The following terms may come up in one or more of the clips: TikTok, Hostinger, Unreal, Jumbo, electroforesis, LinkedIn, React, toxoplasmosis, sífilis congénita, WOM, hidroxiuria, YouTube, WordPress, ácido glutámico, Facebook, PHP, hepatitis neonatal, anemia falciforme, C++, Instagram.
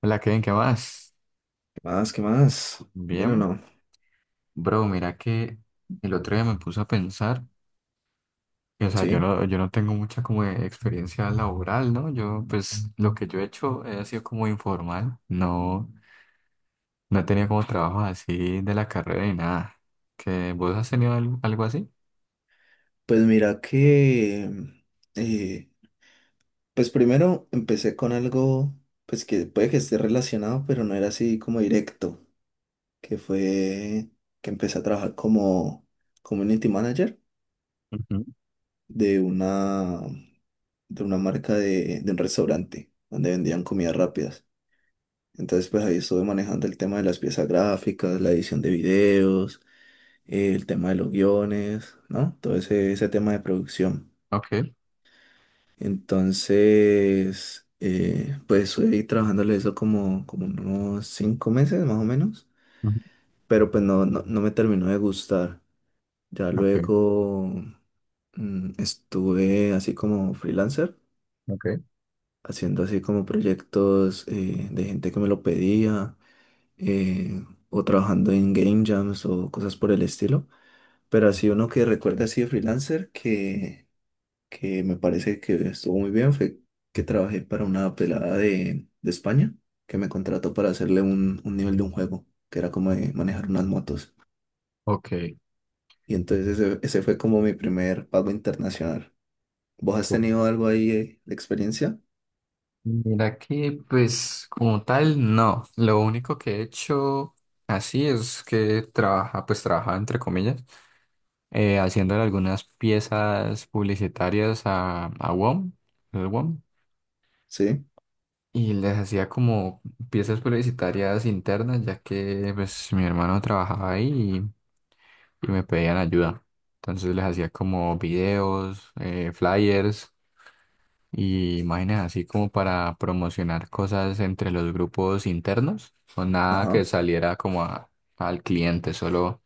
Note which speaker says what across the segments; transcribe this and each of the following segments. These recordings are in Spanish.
Speaker 1: Hola, Kevin, ¿qué más?
Speaker 2: Más, ¿qué más? ¿Bien o
Speaker 1: Bien,
Speaker 2: no?
Speaker 1: bro, mira que el otro día me puse a pensar, o sea, yo
Speaker 2: Sí.
Speaker 1: no, yo no tengo mucha como de experiencia laboral, ¿no? Yo, pues, lo que yo he hecho ha sido como informal, no, no he tenido como trabajo así de la carrera ni nada. ¿Que vos has tenido algo, así?
Speaker 2: Pues mira que, eh, pues primero empecé con algo, pues que puede que esté relacionado, pero no era así como directo, que fue que empecé a trabajar como community manager
Speaker 1: Ujú.
Speaker 2: de una, de una marca de un restaurante donde vendían comidas rápidas. Entonces, pues ahí estuve manejando el tema de las piezas gráficas, la edición de videos, el tema de los guiones, ¿no? Todo ese, ese tema de producción.
Speaker 1: Ok,
Speaker 2: Entonces, pues estoy trabajándole eso como, como unos cinco meses más o menos,
Speaker 1: ujú.
Speaker 2: pero pues no, no, no me terminó de gustar. Ya
Speaker 1: Ok,
Speaker 2: luego estuve así como freelancer,
Speaker 1: ok,
Speaker 2: haciendo así como proyectos de gente que me lo pedía, eh, o trabajando en game jams o cosas por el estilo. Pero así uno que recuerda así de freelancer que me parece que estuvo muy bien fue que trabajé para una pelada de España que me contrató para hacerle un nivel de un juego, que era como de manejar unas motos.
Speaker 1: ok.
Speaker 2: Y entonces ese fue como mi primer pago internacional. ¿Vos has
Speaker 1: Cool.
Speaker 2: tenido algo ahí de experiencia?
Speaker 1: Mira que, pues, como tal, no. Lo único que he hecho así es que trabajaba entre comillas, haciéndole algunas piezas publicitarias a WOM, el WOM,
Speaker 2: Sí.
Speaker 1: y les hacía como piezas publicitarias internas, ya que pues mi hermano trabajaba ahí y me pedían ayuda. Entonces les hacía como videos, flyers y imágenes así como para promocionar cosas entre los grupos internos, o nada que
Speaker 2: Ajá.
Speaker 1: saliera como al cliente, solo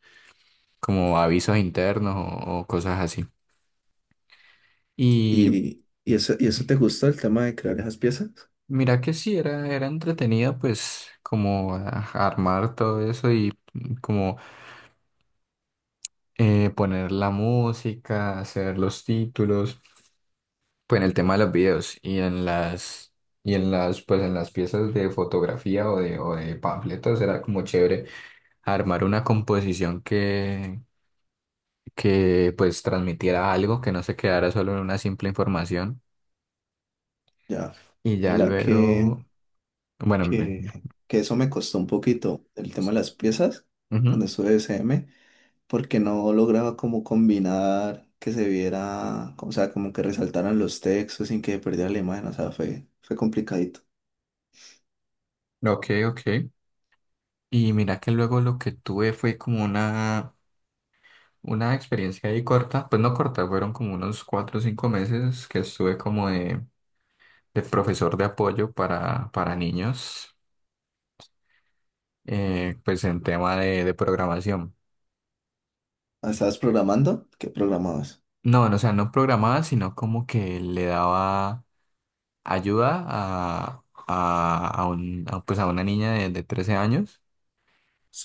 Speaker 1: como avisos internos o cosas así. Y
Speaker 2: Y eso te gusta el tema de crear esas piezas?
Speaker 1: mira que sí, era, era entretenida pues como ah, armar todo eso y mm, como poner la música, hacer los títulos, pues en el tema de los videos y en las piezas de fotografía o de panfletos era como chévere armar una composición que pues transmitiera algo, que no se quedara solo en una simple información.
Speaker 2: Ya.
Speaker 1: Y ya
Speaker 2: Mira
Speaker 1: luego, bueno,
Speaker 2: que, que eso me costó un poquito el tema de las piezas cuando
Speaker 1: ujú,
Speaker 2: estuve de SM. Porque no lograba como combinar que se viera, o sea, como que resaltaran los textos sin que perdiera la imagen, o sea, fue, fue complicadito.
Speaker 1: ok, ok. Y mira que luego lo que tuve fue como una experiencia ahí corta, pues no corta, fueron como unos 4 o 5 meses que estuve como de profesor de apoyo para niños, pues en tema de programación.
Speaker 2: Ah, ¿estabas programando? ¿Qué programabas?
Speaker 1: No, no, o sea, no programaba, sino como que le daba ayuda pues a una niña de 13 años.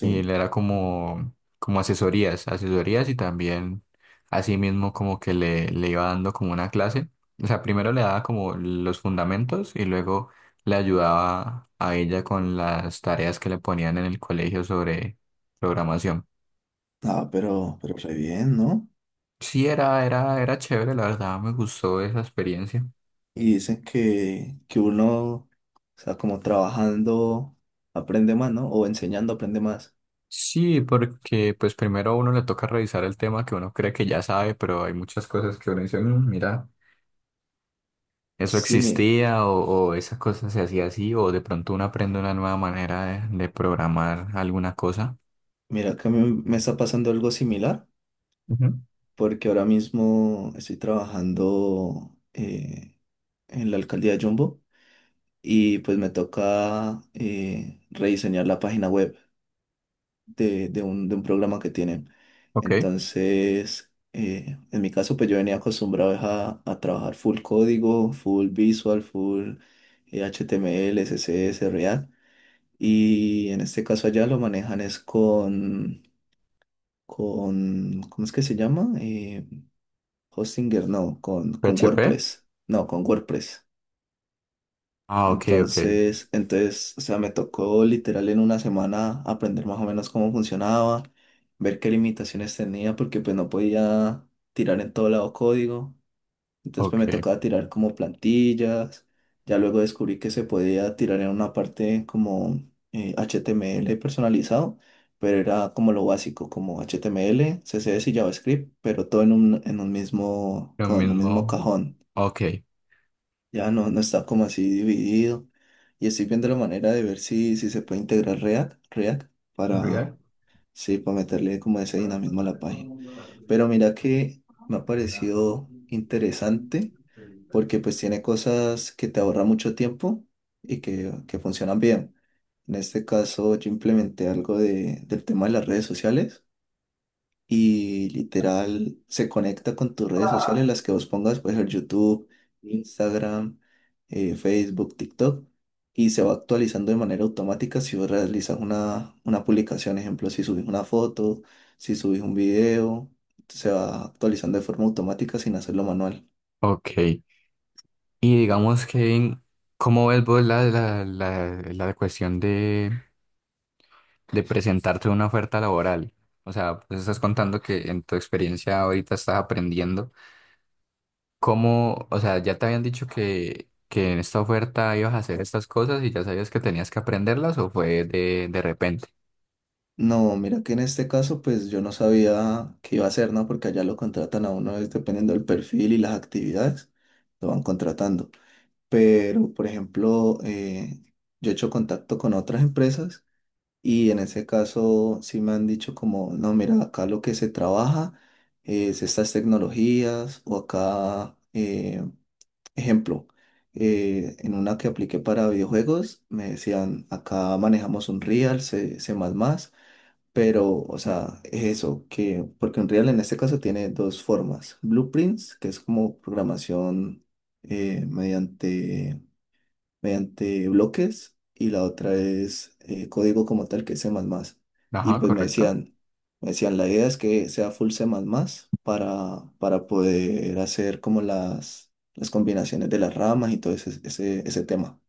Speaker 1: Y él era como, como asesorías, asesorías y también así mismo como que le iba dando como una clase. O sea, primero le daba como los fundamentos y luego le ayudaba a ella con las tareas que le ponían en el colegio sobre programación.
Speaker 2: Ah, pero re bien, ¿no?
Speaker 1: Sí, era, era chévere, la verdad, me gustó esa experiencia.
Speaker 2: Y dicen que uno, o sea, como trabajando, aprende más, ¿no? O enseñando, aprende más.
Speaker 1: Sí, porque pues primero a uno le toca revisar el tema que uno cree que ya sabe, pero hay muchas cosas que uno dice, "Mm, mira. ¿Eso
Speaker 2: Sí,
Speaker 1: existía o esas cosas se hacía así? ¿O de pronto uno aprende una nueva manera de programar alguna cosa?"
Speaker 2: mira que a mí me está pasando algo similar,
Speaker 1: Ujú.
Speaker 2: porque ahora mismo estoy trabajando en la alcaldía de Jumbo y pues me toca rediseñar la página web de un programa que tienen.
Speaker 1: Ok.
Speaker 2: Entonces, en mi caso, pues yo venía acostumbrado a trabajar full código, full visual, full HTML, CSS, React. Y en este caso allá lo manejan es con ¿cómo es que se llama? Hostinger, no, con
Speaker 1: ¿PHP?
Speaker 2: WordPress. No, con WordPress.
Speaker 1: Ah, ok, ok,
Speaker 2: Entonces, entonces, o sea, me tocó literal en una semana aprender más o menos cómo funcionaba, ver qué limitaciones tenía, porque pues no podía tirar en todo lado código. Entonces, pues
Speaker 1: ok.
Speaker 2: me tocaba tirar como plantillas. Ya luego descubrí que se podía tirar en una parte como HTML personalizado, pero era como lo básico, como HTML, CSS y JavaScript, pero todo en un mismo,
Speaker 1: Lo
Speaker 2: con un mismo
Speaker 1: mismo.
Speaker 2: cajón.
Speaker 1: Ok.
Speaker 2: Ya no, no está como así dividido. Y estoy viendo la manera de ver si, si se puede integrar React, React para,
Speaker 1: React.
Speaker 2: sí, para meterle como ese dinamismo a la página. Pero mira que me ha parecido interesante porque pues tiene cosas que te ahorran mucho tiempo y que funcionan bien. En este caso yo implementé algo de, del tema de las redes sociales y literal se conecta con tus redes sociales, las que vos pongas, puede ser YouTube, Instagram, Facebook, TikTok, y se va actualizando de manera automática si vos realizas una publicación, ejemplo, si subís una foto, si subís un video, se va actualizando de forma automática sin hacerlo manual.
Speaker 1: Ok, y digamos que, ¿cómo ves vos la cuestión de presentarte una oferta laboral? O sea, pues estás contando que en tu experiencia ahorita estás aprendiendo cómo, o sea, ya te habían dicho que en esta oferta ibas a hacer estas cosas y ya sabías que tenías que aprenderlas o fue de repente.
Speaker 2: No, mira que en este caso pues yo no sabía qué iba a hacer, ¿no? Porque allá lo contratan a uno es dependiendo del perfil y las actividades, lo van contratando. Pero por ejemplo, yo he hecho contacto con otras empresas y en ese caso sí me han dicho como, no, mira, acá lo que se trabaja es estas tecnologías o acá, ejemplo, en una que apliqué para videojuegos, me decían, acá manejamos un Real, C++, pero, o sea, es eso, que, porque Unreal en este caso tiene dos formas, blueprints, que es como programación eh, mediante mediante bloques y la otra es código como tal que es C++. Y
Speaker 1: Ajá,
Speaker 2: pues
Speaker 1: correcto.
Speaker 2: me decían, la idea es que sea full C++ para poder hacer como las combinaciones de las ramas y todo ese, ese, ese tema.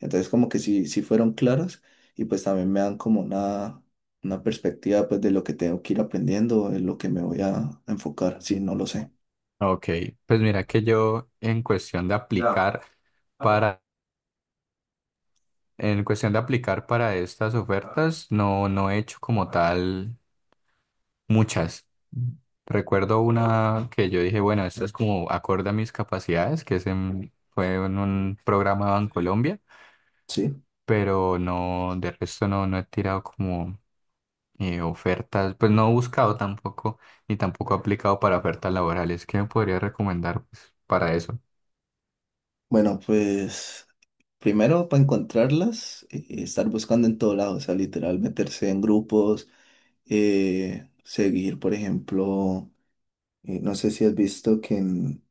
Speaker 2: Entonces como que sí, sí fueron claras y pues también me dan como una perspectiva pues de lo que tengo que ir aprendiendo, en lo que me voy a enfocar, si no lo sé.
Speaker 1: Ok, pues mira que yo en cuestión de aplicar, en cuestión de aplicar para estas ofertas, no, no he hecho como tal muchas. Recuerdo una que yo dije, bueno, esto es como acorde a mis capacidades, que es fue en un programa de Colombia,
Speaker 2: Sí.
Speaker 1: pero no, de resto no, no he tirado como ofertas, pues no he buscado tampoco, ni tampoco he aplicado para ofertas laborales. ¿Qué me podría recomendar pues, para eso?
Speaker 2: Bueno, pues... Primero, para encontrarlas, estar buscando en todo lado, o sea, literal, meterse en grupos, seguir, por ejemplo, no sé si has visto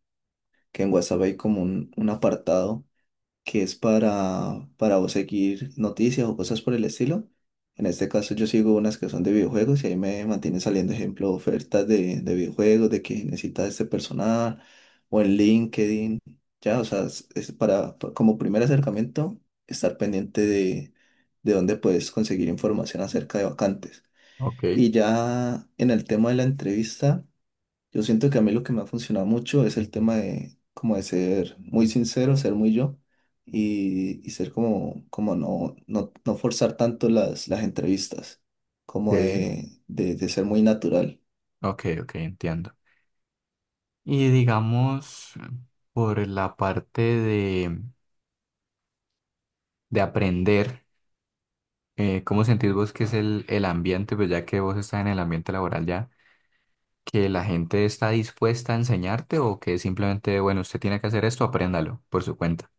Speaker 2: que en WhatsApp hay como un apartado que es para vos seguir noticias o cosas por el estilo. En este caso yo sigo unas que son de videojuegos y ahí me mantiene saliendo, ejemplo, ofertas de videojuegos, de que necesitas este personal o en LinkedIn. Ya, o sea, es para, como primer acercamiento, estar pendiente de dónde puedes conseguir información acerca de vacantes.
Speaker 1: Ok,
Speaker 2: Y ya en el tema de la entrevista... Yo siento que a mí lo que me ha funcionado mucho es el tema de como de ser muy sincero, ser muy yo y ser como, como no, no, no forzar tanto las entrevistas, como
Speaker 1: ok,
Speaker 2: de ser muy natural.
Speaker 1: ok, ok, entiendo. Y digamos, por la parte de aprender, ¿cómo sentís vos que es el ambiente, pues ya que vos estás en el ambiente laboral ya, que la gente está dispuesta a enseñarte o que simplemente, bueno, usted tiene que hacer esto, apréndalo por su cuenta?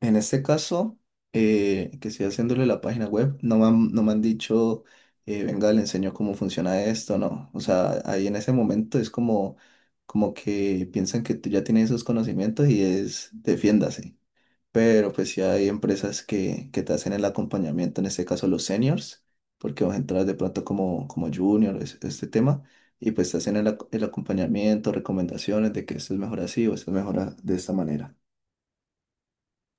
Speaker 2: En este caso, que estoy haciéndole la página web, no me han, no me han dicho, venga, le enseño cómo funciona esto, no. O sea, ahí en ese momento es como, como que piensan que tú ya tienes esos conocimientos y es, defiéndase. Pero pues sí hay empresas que te hacen el acompañamiento, en este caso los seniors, porque vas a entrar de pronto como, como junior, este tema, y pues te hacen el, el acompañamiento, recomendaciones de que esto es mejor así o esto es mejor de esta manera.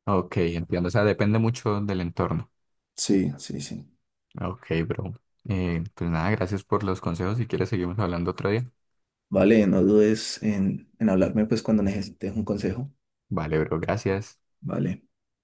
Speaker 1: Ok, entiendo, o sea, depende mucho del entorno.
Speaker 2: Sí, sí, sí.
Speaker 1: Ok, bro. Pues nada, gracias por los consejos. Si quieres, seguimos hablando otro día.
Speaker 2: Vale, no dudes en hablarme pues cuando necesites un consejo.
Speaker 1: Vale, bro, gracias.
Speaker 2: Vale.